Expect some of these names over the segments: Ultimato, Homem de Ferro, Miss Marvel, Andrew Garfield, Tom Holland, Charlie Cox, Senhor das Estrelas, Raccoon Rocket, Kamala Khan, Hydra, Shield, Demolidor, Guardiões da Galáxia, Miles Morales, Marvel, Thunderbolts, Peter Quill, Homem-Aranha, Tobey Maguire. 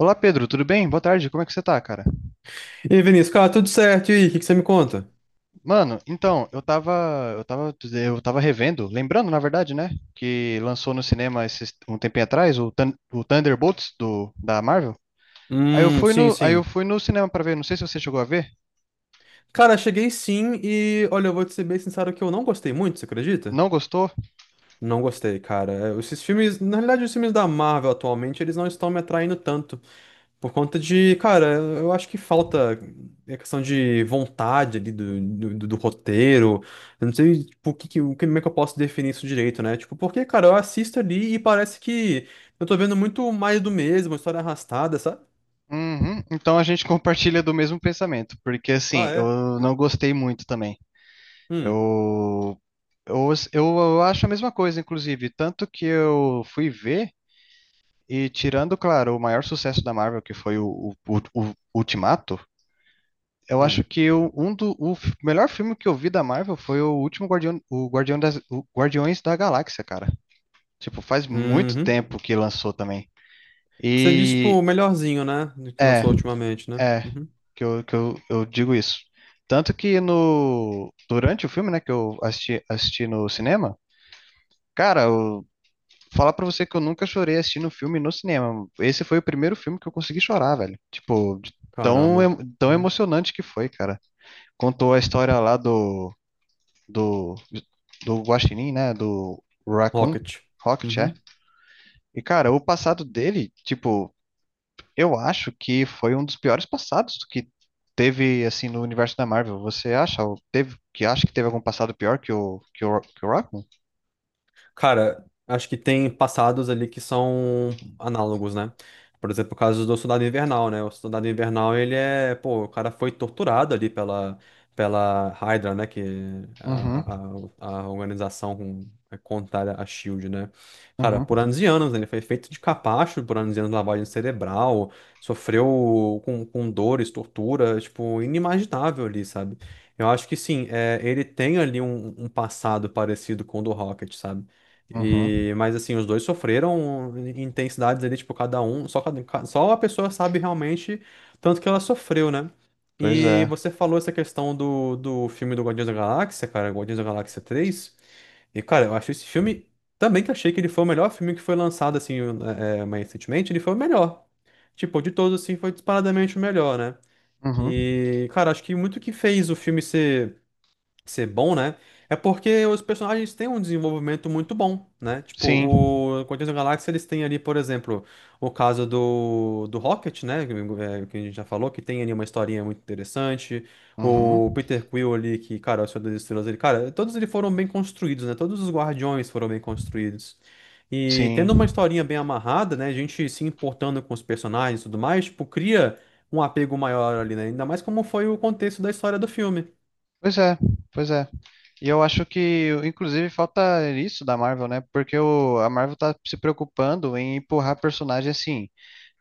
Olá Pedro, tudo bem? Boa tarde, como é que você tá, cara? E aí, Vinícius, cara, tudo certo? E aí, o que que você me conta? Mano, então, eu tava revendo, lembrando, na verdade, né, que lançou no cinema um tempinho atrás o Thunderbolts da Marvel. Sim, Aí eu sim. fui no cinema pra ver, não sei se você chegou a ver, Cara, cheguei sim e, olha, eu vou te ser bem sincero que eu não gostei muito, você acredita? não gostou? Não gostei, cara. É, esses filmes, na realidade, os filmes da Marvel atualmente, eles não estão me atraindo tanto. Por conta de, cara, eu acho que falta a questão de vontade ali do roteiro. Eu não sei, tipo, o que, que- o que- como é que eu posso definir isso direito, né? Tipo, porque, cara, eu assisto ali e parece que eu tô vendo muito mais do mesmo, história arrastada, sabe? Uhum. Então a gente compartilha do mesmo pensamento, porque assim, Ah, é. eu não gostei muito também. Hum. Eu, eu acho a mesma coisa, inclusive, tanto que eu fui ver. E tirando, claro, o maior sucesso da Marvel, que foi o Ultimato, eu acho Hum. que melhor filme que eu vi da Marvel foi o último Guardião, o Guardiões da Galáxia, cara. Tipo, faz muito Uhum. tempo que lançou também. Você disse, tipo, E o melhorzinho, né? Que é, lançou ultimamente, né? é, Uhum. Eu digo isso. Tanto que no, durante o filme, né, que eu assisti, assisti no cinema, cara, o falar pra você que eu nunca chorei assistindo um filme no cinema. Esse foi o primeiro filme que eu consegui chorar, velho. Tipo, de tão, Caramba. Tão Uhum. emocionante que foi, cara. Contou a história lá do, do Guaxinim, né? Do Raccoon Rocket. Rocket, é. Uhum. E, cara, o passado dele, tipo, eu acho que foi um dos piores passados que teve, assim, no universo da Marvel. Você acha? Ou teve, que acha que teve algum passado pior que que o Raccoon? Cara, acho que tem passados ali que são análogos, né? Por exemplo, o caso do Soldado Invernal, né? O Soldado Invernal, ele é, pô, o cara foi torturado ali pela Hydra, né? Que é Uhum, a organização é contrária à Shield, né? Cara, uhum, por anos e anos, né? Ele foi feito de capacho por anos e anos, lavagem cerebral, sofreu com dores, tortura, tipo, inimaginável ali, sabe? Eu acho que sim, é, ele tem ali um, um passado parecido com o do Rocket, sabe? uhum. E, mas assim, os dois sofreram intensidades ali, tipo, cada um, só, só a pessoa sabe realmente tanto que ela sofreu, né? Pois E é. você falou essa questão do, do filme do Guardiões da Galáxia, cara, Guardiões da Galáxia três. E, cara, eu acho esse filme também que achei que ele foi o melhor filme que foi lançado, assim, mais recentemente, ele foi o melhor. Tipo, de todos, assim, foi disparadamente o melhor, né? Uhum. E, cara, acho que muito que fez o filme ser ser bom, né? É porque os personagens têm um desenvolvimento muito bom, né? Tipo, Sim. o Guardiões da Galáxia, eles têm ali, por exemplo, o caso do, do Rocket, né? Que é, que a gente já falou, que tem ali uma historinha muito interessante. Uhum, O Peter Quill ali, que, cara, é o Senhor das Estrelas, ele, cara, todos eles foram bem construídos, né? Todos os Guardiões foram bem construídos. E tendo uma sim. historinha bem amarrada, né? A gente se importando com os personagens e tudo mais, tipo, cria um apego maior ali, né? Ainda mais como foi o contexto da história do filme. Pois é, pois é. E eu acho que, inclusive, falta isso da Marvel, né? Porque a Marvel tá se preocupando em empurrar personagem assim,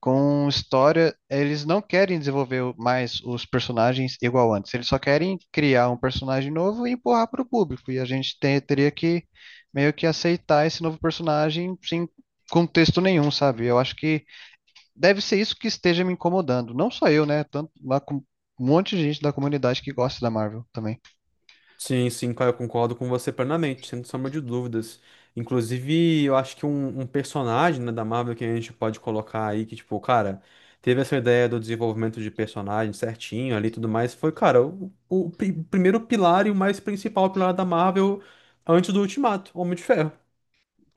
com história. Eles não querem desenvolver mais os personagens igual antes. Eles só querem criar um personagem novo e empurrar para o público. E a gente teria que meio que aceitar esse novo personagem sem contexto nenhum, sabe? Eu acho que deve ser isso que esteja me incomodando. Não só eu, né? Tanto lá com um monte de gente da comunidade que gosta da Marvel também. Sim, sim, cara, eu concordo com você plenamente, sem sombra de dúvidas. Inclusive, eu acho que um personagem, né, da Marvel que a gente pode colocar aí, que, tipo, cara, teve essa ideia do desenvolvimento de personagem certinho ali e tudo mais, foi, cara, o, primeiro pilar e o mais principal pilar da Marvel antes do Ultimato, Homem de Ferro.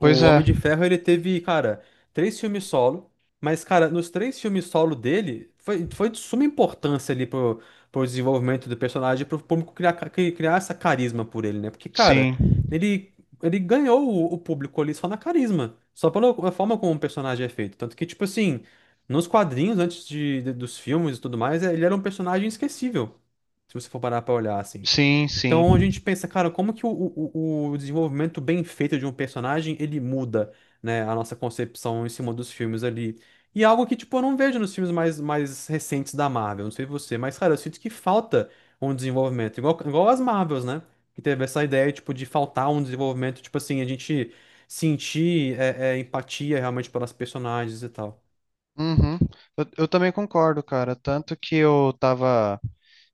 Pois é, Homem de Ferro, ele teve, cara, três filmes solo, mas, cara, nos três filmes solo dele, foi de suma importância ali pro, pro desenvolvimento do personagem, pro público criar, criar essa carisma por ele, né? Porque, cara, sim, ele, ele ganhou o público ali só na carisma, só pela forma como o personagem é feito. Tanto que, tipo assim, nos quadrinhos, antes dos filmes e tudo mais, é, ele era um personagem esquecível, se você for parar pra olhar, assim. sim, sim. Então a gente pensa, cara, como que o desenvolvimento bem feito de um personagem, ele muda, né, a nossa concepção em cima dos filmes ali. E é algo que, tipo, eu não vejo nos filmes mais recentes da Marvel, não sei você, mas, cara, eu sinto que falta um desenvolvimento, igual as Marvels, né, que teve essa ideia, tipo, de faltar um desenvolvimento, tipo assim, a gente sentir empatia realmente pelas personagens e tal. Uhum. Eu também concordo, cara. Tanto que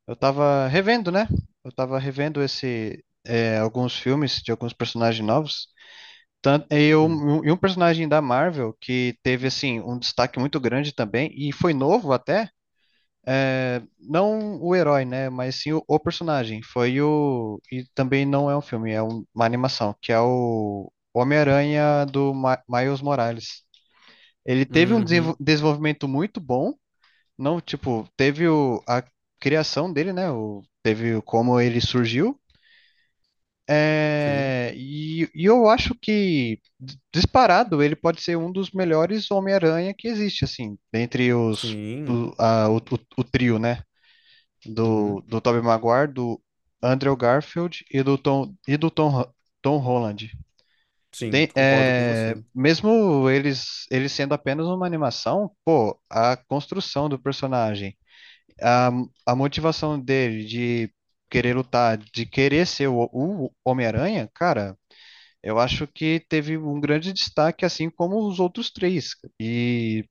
eu tava revendo, né? Eu tava revendo esse, é, alguns filmes de alguns personagens novos. Tan- e, Hum. um, e um personagem da Marvel que teve assim um destaque muito grande também e foi novo até. É, não o herói, né? Mas sim o personagem. Foi o. E também não é um filme, é uma animação, que é o Homem-Aranha do Ma Miles Morales. Ele teve um Uhum. desenvolvimento muito bom, não, tipo, teve a criação dele, né? O, teve como ele surgiu. Sim, É, e eu acho que, disparado, ele pode ser um dos melhores Homem-Aranha que existe, assim, entre os, sim, o, a- o o trio, né? Do uhum. do Tobey Maguire, do Andrew Garfield e do Tom, Tom Holland. Sim, concordo com É, você. mesmo eles, eles sendo apenas uma animação, pô, a construção do personagem, a, a motivação dele de querer lutar, de querer ser o Homem-Aranha, cara, eu acho que teve um grande destaque, assim como os outros três. E,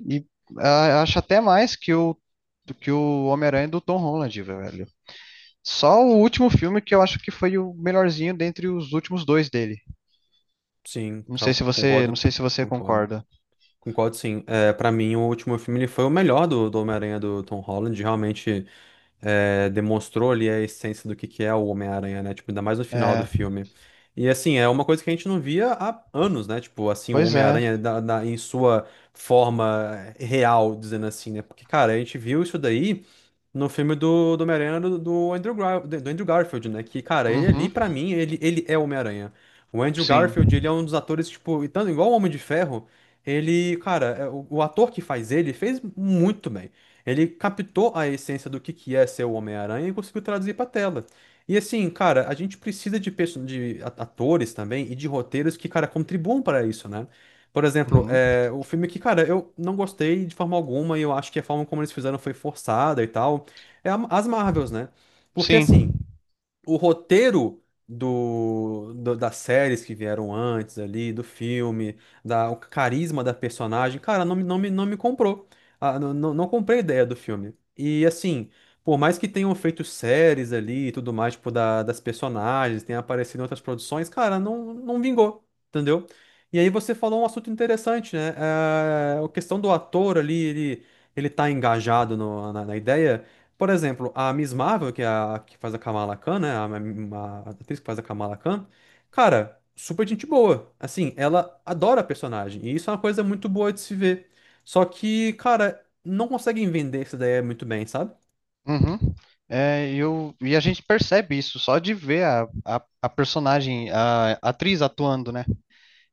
e ah, acho até mais que do que o Homem-Aranha do Tom Holland, velho. Só o último filme que eu acho que foi o melhorzinho dentre os últimos dois dele. Não Concordo, sei se você concordo. concorda. Concordo, sim. É, para mim, o último filme ele foi o melhor do, do Homem-Aranha do Tom Holland. Realmente, é, demonstrou ali a essência do que é o Homem-Aranha, né? Tipo, ainda mais no final do É, filme. E assim, é uma coisa que a gente não via há anos, né? Tipo, assim, o pois é. Homem-Aranha em sua forma é, real, dizendo assim, né? Porque, cara, a gente viu isso daí no filme do, do Homem-Aranha do, do do Andrew Garfield, né? Que, cara, ele Uhum, ali, pra mim, ele é o Homem-Aranha. O Andrew sim. Garfield, ele é um dos atores, tipo, e tanto igual o Homem de Ferro, ele, cara, é, o ator que faz ele fez muito bem. Ele captou a essência do que é ser o Homem-Aranha e conseguiu traduzir pra tela. E assim, cara, a gente precisa de, atores também e de roteiros que, cara, contribuam para isso, né? Por exemplo, Uhum, é, o filme que, cara, eu não gostei de forma alguma e eu acho que a forma como eles fizeram foi forçada e tal. É as Marvels, né? Porque sim. assim o roteiro do das séries que vieram antes ali, do filme, da, o carisma da personagem, cara, não me comprou. Ah, não comprei a ideia do filme. E assim, por mais que tenham feito séries ali e tudo mais, tipo, da, das personagens, tenha aparecido em outras produções, cara, não vingou, entendeu? E aí você falou um assunto interessante, né? A questão do ator ali, ele tá engajado na na ideia. Por exemplo, a Miss Marvel, que é a que faz a Kamala Khan, né? A atriz que faz a Kamala Khan, cara, super gente boa. Assim, ela adora a personagem. E isso é uma coisa muito boa de se ver. Só que, cara, não conseguem vender essa ideia muito bem, sabe? Uhum. É, e a gente percebe isso só de ver a personagem, a atriz atuando, né?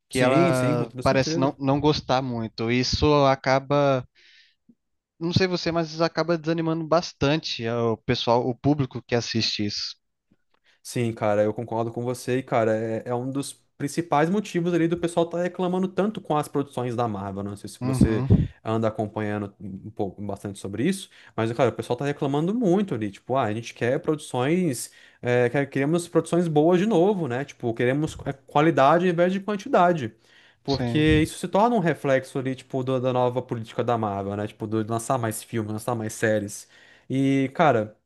Que Sim, sim, com ela toda parece certeza. não, não gostar muito. Isso acaba, não sei você, mas isso acaba desanimando bastante o pessoal, o público que assiste isso. Sim, cara, eu concordo com você. E, cara, é, é um dos principais motivos ali do pessoal tá reclamando tanto com as produções da Marvel, né? Não sei se você Uhum, anda acompanhando um pouco, bastante sobre isso, mas, cara, o pessoal tá reclamando muito ali. Tipo, ah, a gente quer produções, é, queremos produções boas de novo, né? Tipo, queremos é, qualidade ao invés de quantidade. Porque sim. isso se torna um reflexo ali, tipo, da nova política da Marvel, né? Tipo, do, de lançar mais filmes, lançar mais séries. E, cara,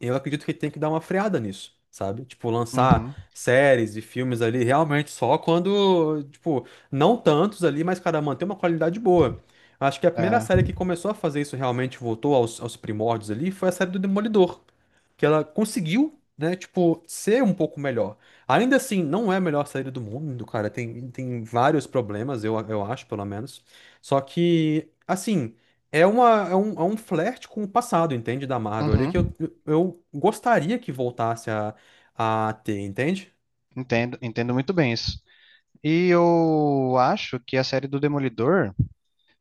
eu acredito que tem que dar uma freada nisso, sabe? Tipo, lançar Uhum. séries e filmes ali realmente só quando, tipo, não tantos ali, mas, cara, manter uma qualidade boa. Acho que a primeira É. série que começou a fazer isso realmente, voltou aos, aos primórdios ali, foi a série do Demolidor, que ela conseguiu, né, tipo, ser um pouco melhor. Ainda assim, não é a melhor série do mundo, cara, tem, tem vários problemas, eu acho, pelo menos. Só que, assim, é, uma, é um flerte com o passado, entende? Da Marvel ali, que eu, Uhum. Eu gostaria que voltasse a ter, entende? Entendo, entendo muito bem isso. E eu acho que a série do Demolidor,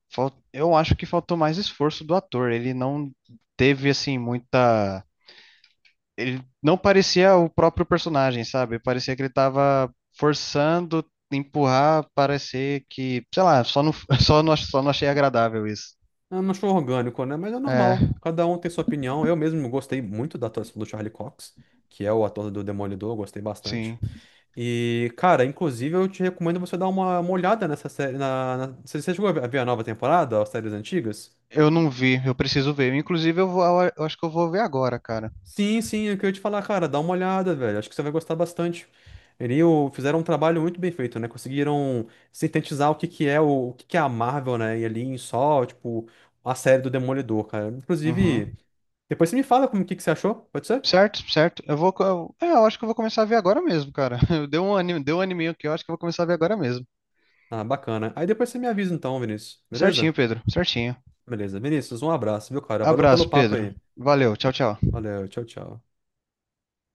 eu acho que faltou mais esforço do ator. Ele não teve assim muita, ele não parecia o próprio personagem, sabe? Parecia que ele tava forçando empurrar, parecer que, sei lá, só não, só não achei agradável isso. Eu não sou orgânico, né? Mas é É, normal. Cada um tem sua opinião. Eu mesmo gostei muito da atuação do Charlie Cox, que é o ator do Demolidor, eu gostei bastante. sim. E, cara, inclusive eu te recomendo você dar uma olhada nessa série. Você chegou a ver a nova temporada, as séries antigas? Eu não vi, eu preciso ver. Inclusive, eu acho que eu vou ver agora, cara. Sim, sim, é o que eu ia te falar, cara. Dá uma olhada, velho. Acho que você vai gostar bastante. Eles fizeram um trabalho muito bem feito, né? Conseguiram sintetizar o que que é o que que é a Marvel, né? E ali em só, tipo, a série do Demolidor, cara. Uhum. Inclusive, depois você me fala como que você achou, pode ser? Certo, certo. Eu acho que eu vou começar a ver agora mesmo, cara. Deu um anime aqui, eu acho que eu vou começar a ver agora mesmo. Ah, bacana. Aí depois você me avisa então, Vinícius. Certinho, Beleza? Pedro. Certinho. Beleza. Vinícius, um abraço, viu, cara? Valeu pelo Abraço, papo Pedro. aí. Valeu, tchau, tchau. Valeu, tchau, tchau.